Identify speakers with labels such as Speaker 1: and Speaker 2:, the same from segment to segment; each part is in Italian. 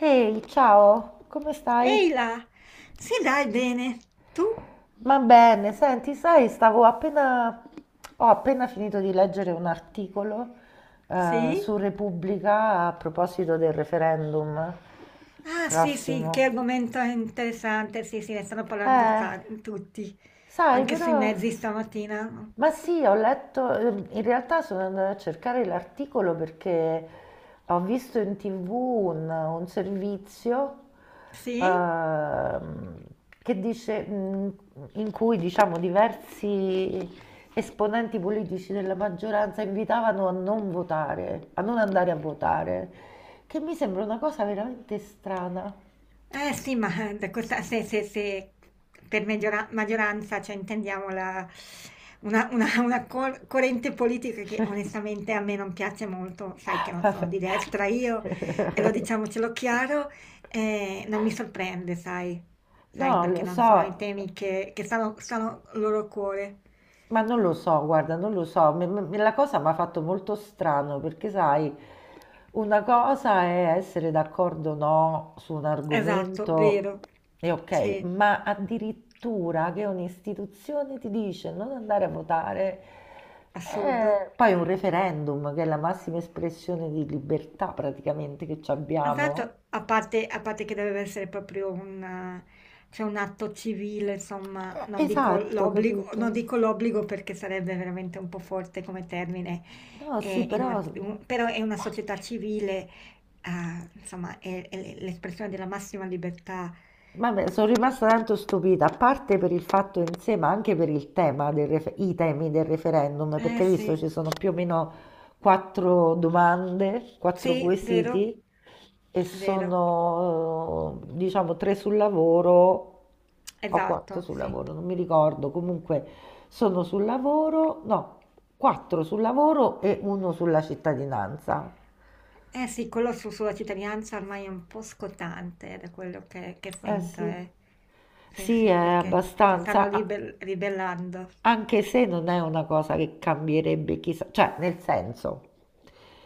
Speaker 1: Ehi, ciao, come stai?
Speaker 2: Ehi là, sì dai, bene. Tu?
Speaker 1: Ma bene, senti, sai, stavo ho appena finito di leggere un articolo
Speaker 2: Sì?
Speaker 1: su Repubblica a proposito del referendum
Speaker 2: Ah sì sì, che
Speaker 1: prossimo.
Speaker 2: argomento interessante, sì sì, ne stanno parlando
Speaker 1: Eh,
Speaker 2: tutti,
Speaker 1: Sai,
Speaker 2: anche sui
Speaker 1: però...
Speaker 2: mezzi stamattina.
Speaker 1: Ma sì, ho letto, in realtà sono andata a cercare l'articolo perché ho visto in TV un servizio
Speaker 2: Sì?
Speaker 1: ehm, che dice, in cui diciamo diversi esponenti politici della maggioranza invitavano a non votare, a non andare a votare, che mi sembra una cosa veramente strana.
Speaker 2: Eh sì, ma da questa, se per maggioranza, cioè intendiamo una corrente politica che onestamente a me non piace molto, sai che non sono
Speaker 1: Vabbè.
Speaker 2: di destra io, e lo diciamocelo chiaro, non mi sorprende, sai,
Speaker 1: No,
Speaker 2: perché
Speaker 1: lo
Speaker 2: non
Speaker 1: so.
Speaker 2: sono i temi che stanno al loro cuore.
Speaker 1: Ma non lo so, guarda, non lo so, la cosa mi ha fatto molto strano perché, sai, una cosa è essere d'accordo o no su un
Speaker 2: Esatto,
Speaker 1: argomento
Speaker 2: vero,
Speaker 1: e ok,
Speaker 2: sì,
Speaker 1: ma addirittura che un'istituzione ti dice non andare a votare,
Speaker 2: assurdo.
Speaker 1: poi un referendum che è la massima espressione di libertà praticamente che ci
Speaker 2: Esatto,
Speaker 1: abbiamo.
Speaker 2: a parte che deve essere proprio un cioè un atto civile, insomma, non dico
Speaker 1: Esatto,
Speaker 2: l'obbligo non
Speaker 1: capito?
Speaker 2: dico l'obbligo perché sarebbe veramente un po' forte come termine,
Speaker 1: No, sì,
Speaker 2: in una
Speaker 1: però...
Speaker 2: u però è una società civile, insomma è l'espressione della massima libertà.
Speaker 1: Vabbè, sono rimasta tanto stupita, a parte per il fatto in sé, ma anche per il tema del i temi del referendum,
Speaker 2: Eh
Speaker 1: perché hai visto
Speaker 2: sì,
Speaker 1: ci sono più o meno quattro domande, quattro
Speaker 2: sì, vero.
Speaker 1: quesiti e
Speaker 2: Vero,
Speaker 1: sono, diciamo, tre sul lavoro o quattro
Speaker 2: esatto,
Speaker 1: sul
Speaker 2: sì.
Speaker 1: lavoro, non mi ricordo, comunque sono sul lavoro, no, quattro sul lavoro e uno sulla cittadinanza.
Speaker 2: Eh sì, quello sulla cittadinanza ormai è un po' scottante da quello che
Speaker 1: Eh
Speaker 2: sento,
Speaker 1: sì.
Speaker 2: eh. Sì,
Speaker 1: Sì, è
Speaker 2: sì, perché si stanno
Speaker 1: abbastanza. Ah,
Speaker 2: ribellando.
Speaker 1: anche se non è una cosa che cambierebbe chissà, cioè nel senso,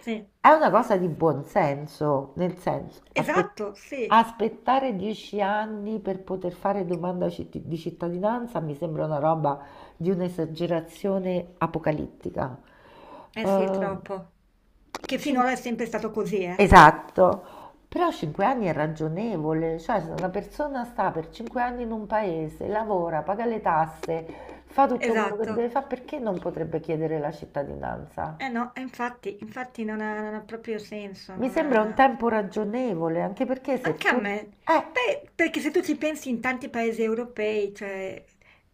Speaker 2: Sì,
Speaker 1: è una cosa di buon senso, nel senso,
Speaker 2: esatto, sì.
Speaker 1: aspettare 10 anni per poter fare domanda di cittadinanza mi sembra una roba di un'esagerazione apocalittica.
Speaker 2: Eh sì, è
Speaker 1: Ehm,
Speaker 2: troppo. Che
Speaker 1: cin-
Speaker 2: finora è sempre stato così, eh.
Speaker 1: Esatto, però 5 anni è ragionevole, cioè se una persona sta per 5 anni in un paese, lavora, paga le tasse, fa tutto quello che
Speaker 2: Esatto.
Speaker 1: deve fare, perché non potrebbe chiedere la cittadinanza?
Speaker 2: Eh no, e infatti non ha proprio senso,
Speaker 1: Mi
Speaker 2: non
Speaker 1: sembra un
Speaker 2: ha...
Speaker 1: tempo ragionevole, anche perché se
Speaker 2: Anche a
Speaker 1: tu...
Speaker 2: me.
Speaker 1: Eh,
Speaker 2: Beh, perché se tu ci pensi in tanti paesi europei, cioè,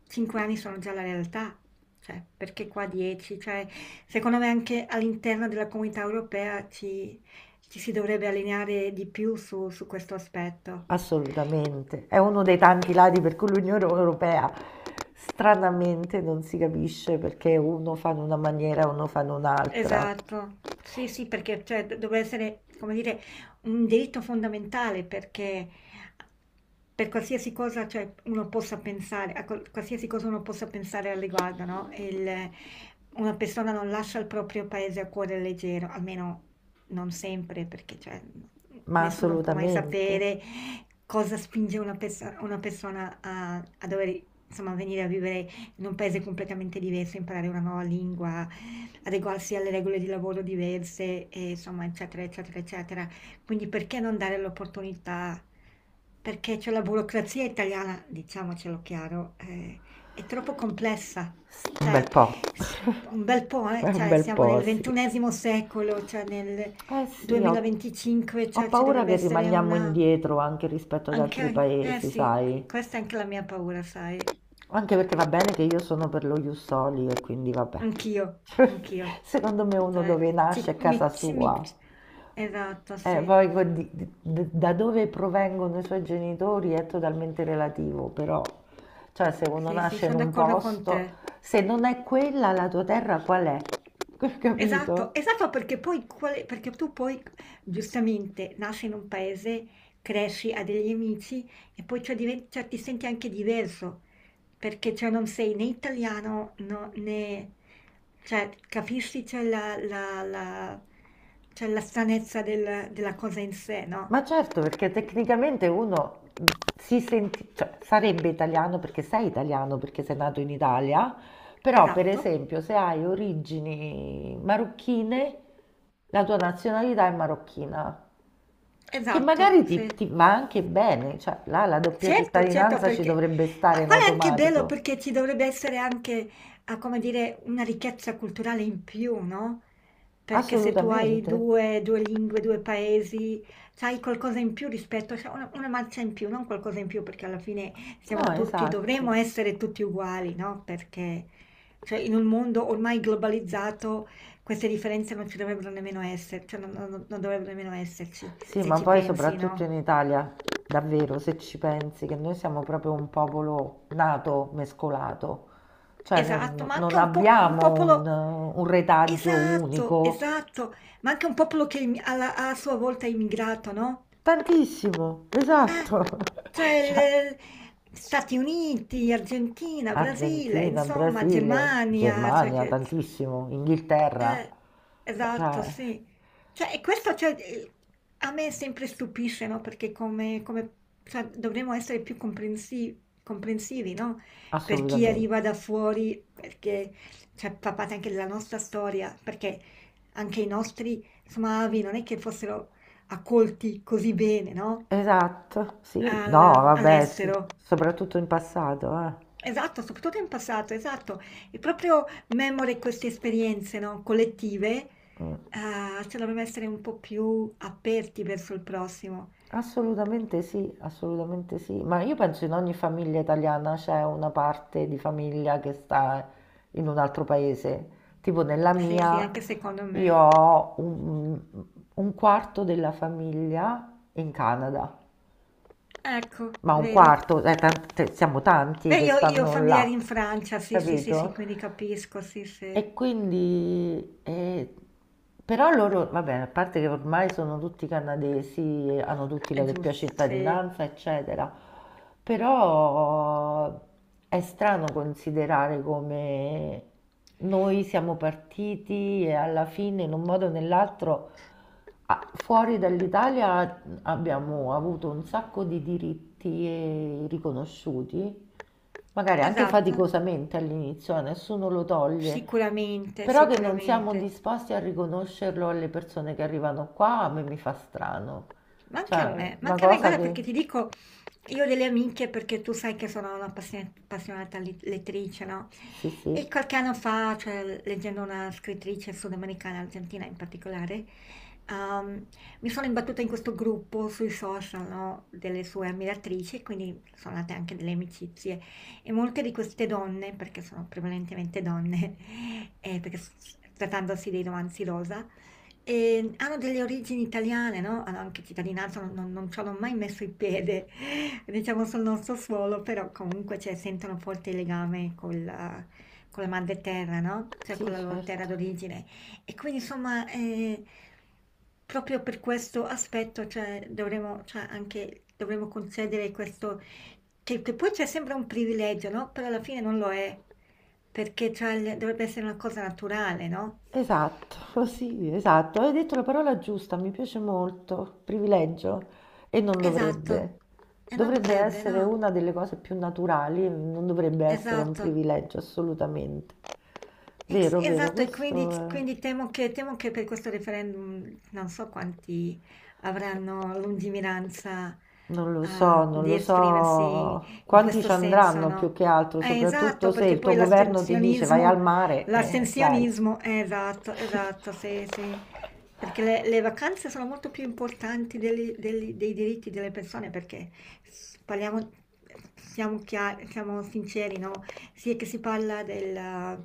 Speaker 2: 5 anni sono già la realtà, cioè, perché qua 10? Cioè, secondo me anche all'interno della comunità europea ci si dovrebbe allineare di più su questo aspetto.
Speaker 1: assolutamente, è uno dei tanti lati per cui l'Unione Europea stranamente non si capisce perché uno fa in una maniera e uno fa in un'altra,
Speaker 2: Esatto. Sì, sì, perché cioè, dovrebbe essere, come dire, un diritto fondamentale perché per qualsiasi cosa cioè, uno possa pensare, a qualsiasi cosa uno possa pensare al riguardo, no? Una persona non lascia il proprio paese a cuore leggero, almeno non sempre, perché cioè,
Speaker 1: ma
Speaker 2: nessuno può mai
Speaker 1: assolutamente.
Speaker 2: sapere cosa spinge una, perso- una persona a, a dover, insomma, venire a vivere in un paese completamente diverso, imparare una nuova lingua, adeguarsi alle regole di lavoro diverse, e insomma, eccetera, eccetera, eccetera. Quindi perché non dare l'opportunità? Perché c'è la burocrazia italiana, diciamocelo chiaro, è troppo complessa.
Speaker 1: Sì, un
Speaker 2: Cioè,
Speaker 1: bel po'.
Speaker 2: s- un bel po',
Speaker 1: È
Speaker 2: eh?
Speaker 1: un
Speaker 2: Cioè,
Speaker 1: bel
Speaker 2: siamo
Speaker 1: po',
Speaker 2: nel
Speaker 1: sì.
Speaker 2: ventunesimo secolo, cioè nel
Speaker 1: Eh sì,
Speaker 2: 2025,
Speaker 1: ho
Speaker 2: cioè ci
Speaker 1: paura
Speaker 2: dovrebbe
Speaker 1: che
Speaker 2: essere
Speaker 1: rimaniamo
Speaker 2: una...
Speaker 1: indietro anche rispetto ad altri
Speaker 2: Anche, eh
Speaker 1: paesi,
Speaker 2: sì,
Speaker 1: sai?
Speaker 2: questa è anche la mia paura, sai.
Speaker 1: Anche perché va bene che io sono per lo Ius Soli e quindi vabbè.
Speaker 2: Anch'io, anch'io.
Speaker 1: Secondo me uno
Speaker 2: Cioè,
Speaker 1: dove nasce è casa
Speaker 2: ci mi
Speaker 1: sua.
Speaker 2: esatto, sì.
Speaker 1: Poi con da dove provengono i suoi genitori è totalmente relativo, però, cioè, se uno
Speaker 2: Sì, sì,
Speaker 1: nasce in
Speaker 2: son
Speaker 1: un
Speaker 2: d'accordo con
Speaker 1: posto,
Speaker 2: te.
Speaker 1: se non è quella la tua terra, qual è?
Speaker 2: Esatto,
Speaker 1: Capito?
Speaker 2: esatto perché poi quale perché tu poi giustamente nasci in un paese, cresci, hai degli amici e poi cioè diven cioè ti senti anche diverso, perché cioè non sei né italiano, no né cioè capisci cioè la cioè la stranezza della cosa in sé, no?
Speaker 1: Ma certo, perché tecnicamente uno si senti, cioè, sarebbe italiano, perché sei nato in Italia, però per
Speaker 2: Esatto.
Speaker 1: esempio se hai origini marocchine, la tua nazionalità è marocchina, che
Speaker 2: Esatto,
Speaker 1: magari
Speaker 2: sì.
Speaker 1: ti va anche bene, cioè là la doppia
Speaker 2: Certo, certo,
Speaker 1: cittadinanza ci
Speaker 2: perché
Speaker 1: dovrebbe stare
Speaker 2: ma
Speaker 1: in
Speaker 2: qual è anche bello
Speaker 1: automatico.
Speaker 2: perché ci dovrebbe essere anche, ah, come dire, una ricchezza culturale in più, no? Perché se tu hai
Speaker 1: Assolutamente.
Speaker 2: due lingue, due paesi, sai qualcosa in più rispetto, cioè una marcia in più, non qualcosa in più, perché alla fine
Speaker 1: No,
Speaker 2: siamo tutti,
Speaker 1: esatto.
Speaker 2: dovremmo essere tutti uguali, no? Perché cioè, in un mondo ormai globalizzato queste differenze non ci dovrebbero nemmeno essere, cioè non dovrebbero nemmeno esserci,
Speaker 1: Sì,
Speaker 2: se
Speaker 1: ma
Speaker 2: ci
Speaker 1: poi
Speaker 2: pensi,
Speaker 1: soprattutto
Speaker 2: no?
Speaker 1: in Italia, davvero, se ci pensi, che noi siamo proprio un popolo nato, mescolato, cioè
Speaker 2: Esatto, ma anche
Speaker 1: non
Speaker 2: un po' un
Speaker 1: abbiamo
Speaker 2: popolo
Speaker 1: un retaggio
Speaker 2: esatto,
Speaker 1: unico,
Speaker 2: esatto, ma anche un popolo che im alla a sua volta è immigrato, no?
Speaker 1: tantissimo,
Speaker 2: Eh,
Speaker 1: esatto. Cioè,
Speaker 2: cioè Stati Uniti, Argentina, Brasile,
Speaker 1: Argentina,
Speaker 2: insomma,
Speaker 1: Brasile,
Speaker 2: Germania, cioè
Speaker 1: Germania,
Speaker 2: che...
Speaker 1: tantissimo, Inghilterra,
Speaker 2: Eh, esatto,
Speaker 1: cioè,
Speaker 2: sì. Cioè, e questo cioè, a me sempre stupisce, no? Perché cioè, dovremmo essere più comprensivi, no? Per chi arriva
Speaker 1: assolutamente.
Speaker 2: da fuori, perché cioè, fa parte anche della nostra storia, perché anche i nostri, insomma, avi non è che fossero accolti così bene, no?
Speaker 1: Esatto, sì,
Speaker 2: Al
Speaker 1: no, vabbè, sì,
Speaker 2: All'estero.
Speaker 1: soprattutto in passato, eh.
Speaker 2: Esatto, soprattutto in passato, esatto. E proprio memore queste esperienze, no, collettive,
Speaker 1: Mm.
Speaker 2: se dovremmo essere un po' più aperti verso il prossimo.
Speaker 1: Assolutamente sì, ma io penso in ogni famiglia italiana c'è una parte di famiglia che sta in un altro paese, tipo nella
Speaker 2: Sì, sì,
Speaker 1: mia
Speaker 2: anche secondo
Speaker 1: io
Speaker 2: me.
Speaker 1: ho un quarto della famiglia in Canada,
Speaker 2: Ecco,
Speaker 1: ma un
Speaker 2: vedi?
Speaker 1: quarto, siamo tanti
Speaker 2: Beh,
Speaker 1: che
Speaker 2: io ho
Speaker 1: stanno
Speaker 2: familiari
Speaker 1: là,
Speaker 2: in Francia, sì, sì, sì, sì,
Speaker 1: capito?
Speaker 2: quindi capisco, sì, sì,
Speaker 1: E quindi, però loro, vabbè, a parte che ormai sono tutti canadesi, e hanno tutti
Speaker 2: è
Speaker 1: la doppia
Speaker 2: gius sì,
Speaker 1: cittadinanza, eccetera, però è strano considerare come noi siamo partiti e alla fine, in un modo o nell'altro, fuori dall'Italia abbiamo avuto un sacco di diritti riconosciuti magari anche
Speaker 2: esatto,
Speaker 1: faticosamente all'inizio, a nessuno lo toglie,
Speaker 2: sicuramente,
Speaker 1: però che non siamo
Speaker 2: sicuramente.
Speaker 1: disposti a riconoscerlo alle persone che arrivano qua, a me mi fa strano. Cioè, una
Speaker 2: Manca a me,
Speaker 1: cosa
Speaker 2: guarda
Speaker 1: che...
Speaker 2: perché ti dico, io ho delle amiche perché tu sai che sono una appassionata lettrice, no?
Speaker 1: Sì, sì.
Speaker 2: E qualche anno fa, cioè, leggendo una scrittrice sudamericana, argentina in particolare, ehm, mi sono imbattuta in questo gruppo sui social, no? Delle sue ammiratrici, quindi sono nate anche delle amicizie. E molte di queste donne, perché sono prevalentemente donne, perché trattandosi dei romanzi rosa, e hanno delle origini italiane, no? Hanno anche cittadinanza, non ci hanno mai messo il piede, diciamo, sul nostro suolo, però comunque cioè, sentono forte il legame con la madre terra, no? Cioè
Speaker 1: Sì,
Speaker 2: con la loro terra
Speaker 1: certo.
Speaker 2: d'origine. E quindi, insomma, proprio per questo aspetto, cioè, dovremmo, cioè, anche, dovremmo concedere questo, che poi c'è sempre un privilegio, no? Però alla fine non lo è, perché cioè, dovrebbe essere una cosa naturale, no?
Speaker 1: Esatto, sì, esatto. Hai detto la parola giusta, mi piace molto. Privilegio. E non
Speaker 2: Esatto.
Speaker 1: dovrebbe.
Speaker 2: E non
Speaker 1: Dovrebbe
Speaker 2: dovrebbe, no?
Speaker 1: essere una delle cose più naturali, non dovrebbe essere un
Speaker 2: Esatto.
Speaker 1: privilegio, assolutamente.
Speaker 2: Ex-
Speaker 1: Vero, vero,
Speaker 2: Esatto, e quindi,
Speaker 1: questo è...
Speaker 2: quindi temo che per questo referendum non so quanti avranno lungimiranza,
Speaker 1: Non lo so, non
Speaker 2: di
Speaker 1: lo
Speaker 2: esprimersi
Speaker 1: so
Speaker 2: in
Speaker 1: quanti
Speaker 2: questo
Speaker 1: ci
Speaker 2: senso,
Speaker 1: andranno più
Speaker 2: no?
Speaker 1: che altro, soprattutto
Speaker 2: Esatto,
Speaker 1: se
Speaker 2: perché
Speaker 1: il tuo
Speaker 2: poi
Speaker 1: governo ti dice vai al
Speaker 2: l'astensionismo,
Speaker 1: mare, dai.
Speaker 2: l'astensionismo, esatto, esatto, sì, sì, perché le vacanze sono molto più importanti dei diritti delle persone, perché parliamo, siamo chiari, siamo sinceri, no? Sì, è che si parla del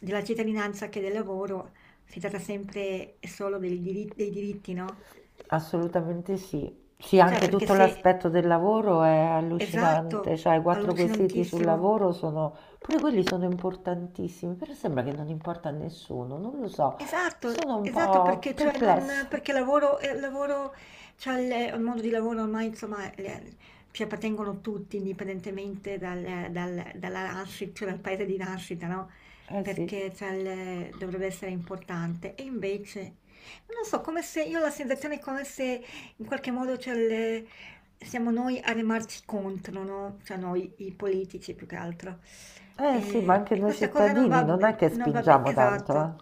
Speaker 2: della cittadinanza che del lavoro, si tratta sempre e solo del diri dei diritti, no,
Speaker 1: Assolutamente sì. Sì,
Speaker 2: cioè
Speaker 1: anche
Speaker 2: perché
Speaker 1: tutto
Speaker 2: se
Speaker 1: l'aspetto del lavoro è allucinante,
Speaker 2: esatto,
Speaker 1: cioè i quattro quesiti sul
Speaker 2: allucinantissimo.
Speaker 1: lavoro sono, pure quelli sono importantissimi, però sembra che non importa a nessuno, non lo so,
Speaker 2: Esatto,
Speaker 1: sono un
Speaker 2: esatto,
Speaker 1: po'
Speaker 2: perché, cioè, non,
Speaker 1: perplessa.
Speaker 2: perché lavoro, lavoro, cioè il mondo di lavoro ormai insomma ci appartengono tutti, indipendentemente dal, dalla nascita, cioè dal paese di nascita, no?
Speaker 1: Eh sì,
Speaker 2: Perché cioè, dovrebbe essere importante. E invece, non lo so, come se io ho la sensazione come se in qualche modo cioè, siamo noi a remarci contro, no? Cioè noi i politici più che altro.
Speaker 1: eh sì, ma
Speaker 2: E,
Speaker 1: anche
Speaker 2: e
Speaker 1: noi
Speaker 2: questa cosa non
Speaker 1: cittadini
Speaker 2: va,
Speaker 1: non è che
Speaker 2: bene,
Speaker 1: spingiamo tanto, eh.
Speaker 2: esatto,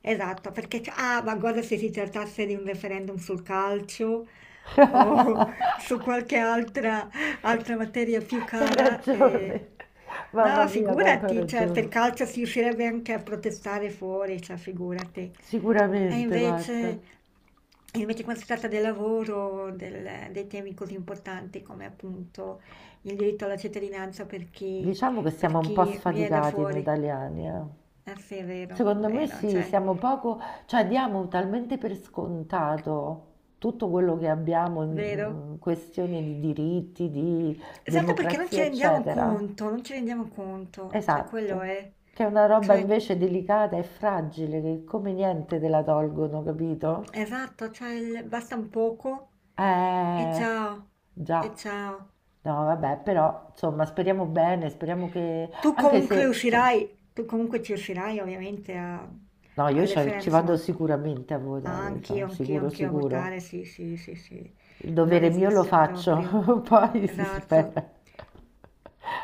Speaker 2: esatto, perché ah, ma guarda se si trattasse di un referendum sul calcio o
Speaker 1: C'hai
Speaker 2: su qualche altra materia più cara,
Speaker 1: ragione. Mamma
Speaker 2: no,
Speaker 1: mia, quanto hai
Speaker 2: figurati, cioè,
Speaker 1: ragione.
Speaker 2: per calcio si riuscirebbe anche a protestare fuori, cioè, figurati. E
Speaker 1: Sicuramente, guarda.
Speaker 2: invece, e invece quando si tratta del lavoro, dei temi così importanti come appunto il diritto alla cittadinanza
Speaker 1: Diciamo che siamo
Speaker 2: per
Speaker 1: un po'
Speaker 2: chi viene da
Speaker 1: sfaticati noi
Speaker 2: fuori.
Speaker 1: italiani, eh.
Speaker 2: Eh sì, è
Speaker 1: Secondo me
Speaker 2: vero,
Speaker 1: sì,
Speaker 2: cioè,
Speaker 1: siamo poco, cioè diamo talmente per scontato tutto quello che abbiamo
Speaker 2: vero?
Speaker 1: in questione di diritti, di
Speaker 2: Esatto perché non
Speaker 1: democrazia,
Speaker 2: ci rendiamo
Speaker 1: eccetera.
Speaker 2: conto, non ci rendiamo conto, cioè quello
Speaker 1: Esatto,
Speaker 2: è,
Speaker 1: che è una roba
Speaker 2: cioè,
Speaker 1: invece delicata e fragile che come niente te la tolgono, capito?
Speaker 2: esatto, cioè basta un poco e
Speaker 1: Eh,
Speaker 2: ciao, e
Speaker 1: già.
Speaker 2: ciao.
Speaker 1: No, vabbè, però insomma, speriamo bene, speriamo che anche se insomma,
Speaker 2: Tu comunque ci riuscirai ovviamente a,
Speaker 1: no, io ci ci vado
Speaker 2: insomma,
Speaker 1: sicuramente a
Speaker 2: ah,
Speaker 1: votare, so,
Speaker 2: anch'io, anch'io,
Speaker 1: sicuro,
Speaker 2: anch'io a votare,
Speaker 1: sicuro.
Speaker 2: sì, sì, sì, sì,
Speaker 1: Il
Speaker 2: non
Speaker 1: dovere mio lo
Speaker 2: esiste proprio,
Speaker 1: faccio, poi si
Speaker 2: esatto.
Speaker 1: spera.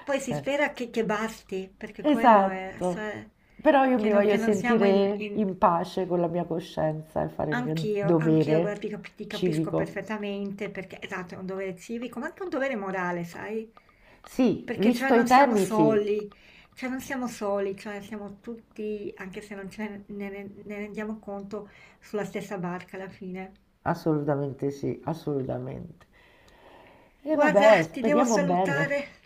Speaker 2: Poi si
Speaker 1: Eh.
Speaker 2: spera che basti, perché quello è,
Speaker 1: Esatto,
Speaker 2: cioè,
Speaker 1: però io
Speaker 2: che
Speaker 1: mi
Speaker 2: non,
Speaker 1: voglio
Speaker 2: che non siamo in...
Speaker 1: sentire
Speaker 2: in-
Speaker 1: in pace con la mia coscienza e fare il mio
Speaker 2: Anch'io, anch'io, guarda,
Speaker 1: dovere
Speaker 2: ti capisco
Speaker 1: civico.
Speaker 2: perfettamente, perché esatto, è un dovere civico, ma anche un dovere morale, sai?
Speaker 1: Sì,
Speaker 2: Perché
Speaker 1: visto
Speaker 2: cioè
Speaker 1: i
Speaker 2: non siamo
Speaker 1: temi, sì,
Speaker 2: soli, cioè non siamo soli, cioè siamo tutti, anche se non ce ne, ne rendiamo conto, sulla stessa barca alla fine.
Speaker 1: assolutamente sì, assolutamente. E
Speaker 2: Guarda,
Speaker 1: vabbè,
Speaker 2: ti devo
Speaker 1: speriamo bene.
Speaker 2: salutare.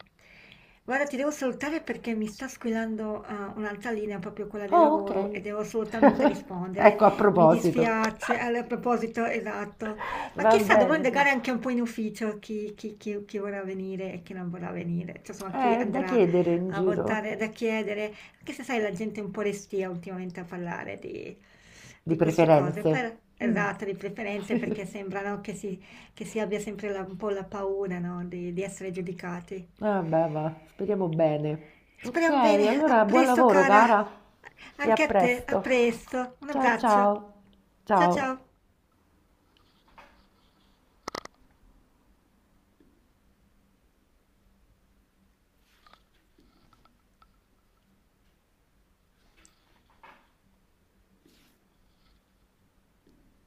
Speaker 2: Guarda, ti devo salutare perché mi sta squillando un'altra linea, proprio quella del
Speaker 1: Oh,
Speaker 2: lavoro,
Speaker 1: ok.
Speaker 2: e devo assolutamente rispondere.
Speaker 1: Ecco, a
Speaker 2: Mi
Speaker 1: proposito.
Speaker 2: dispiace, allora, a proposito, esatto. Ma
Speaker 1: Va
Speaker 2: chissà, dovrò
Speaker 1: bene, dai.
Speaker 2: indagare anche un po' in ufficio chi vorrà venire e chi non vorrà venire, cioè, insomma, chi
Speaker 1: Da
Speaker 2: andrà
Speaker 1: chiedere in
Speaker 2: a
Speaker 1: giro,
Speaker 2: votare, da chiedere, anche se sai, la gente è un po' restia ultimamente a parlare di,
Speaker 1: di
Speaker 2: queste cose,
Speaker 1: preferenze. Mm.
Speaker 2: esatto, di preferenze, perché sembrano che si abbia sempre un po' la paura, no, di, essere giudicati.
Speaker 1: Vabbè, va, speriamo bene. Ok,
Speaker 2: Speriamo bene. A
Speaker 1: allora buon
Speaker 2: presto,
Speaker 1: lavoro,
Speaker 2: cara.
Speaker 1: cara, e a
Speaker 2: Anche a te. A
Speaker 1: presto.
Speaker 2: presto. Un
Speaker 1: Ciao
Speaker 2: abbraccio.
Speaker 1: ciao.
Speaker 2: Ciao
Speaker 1: Ciao.
Speaker 2: ciao.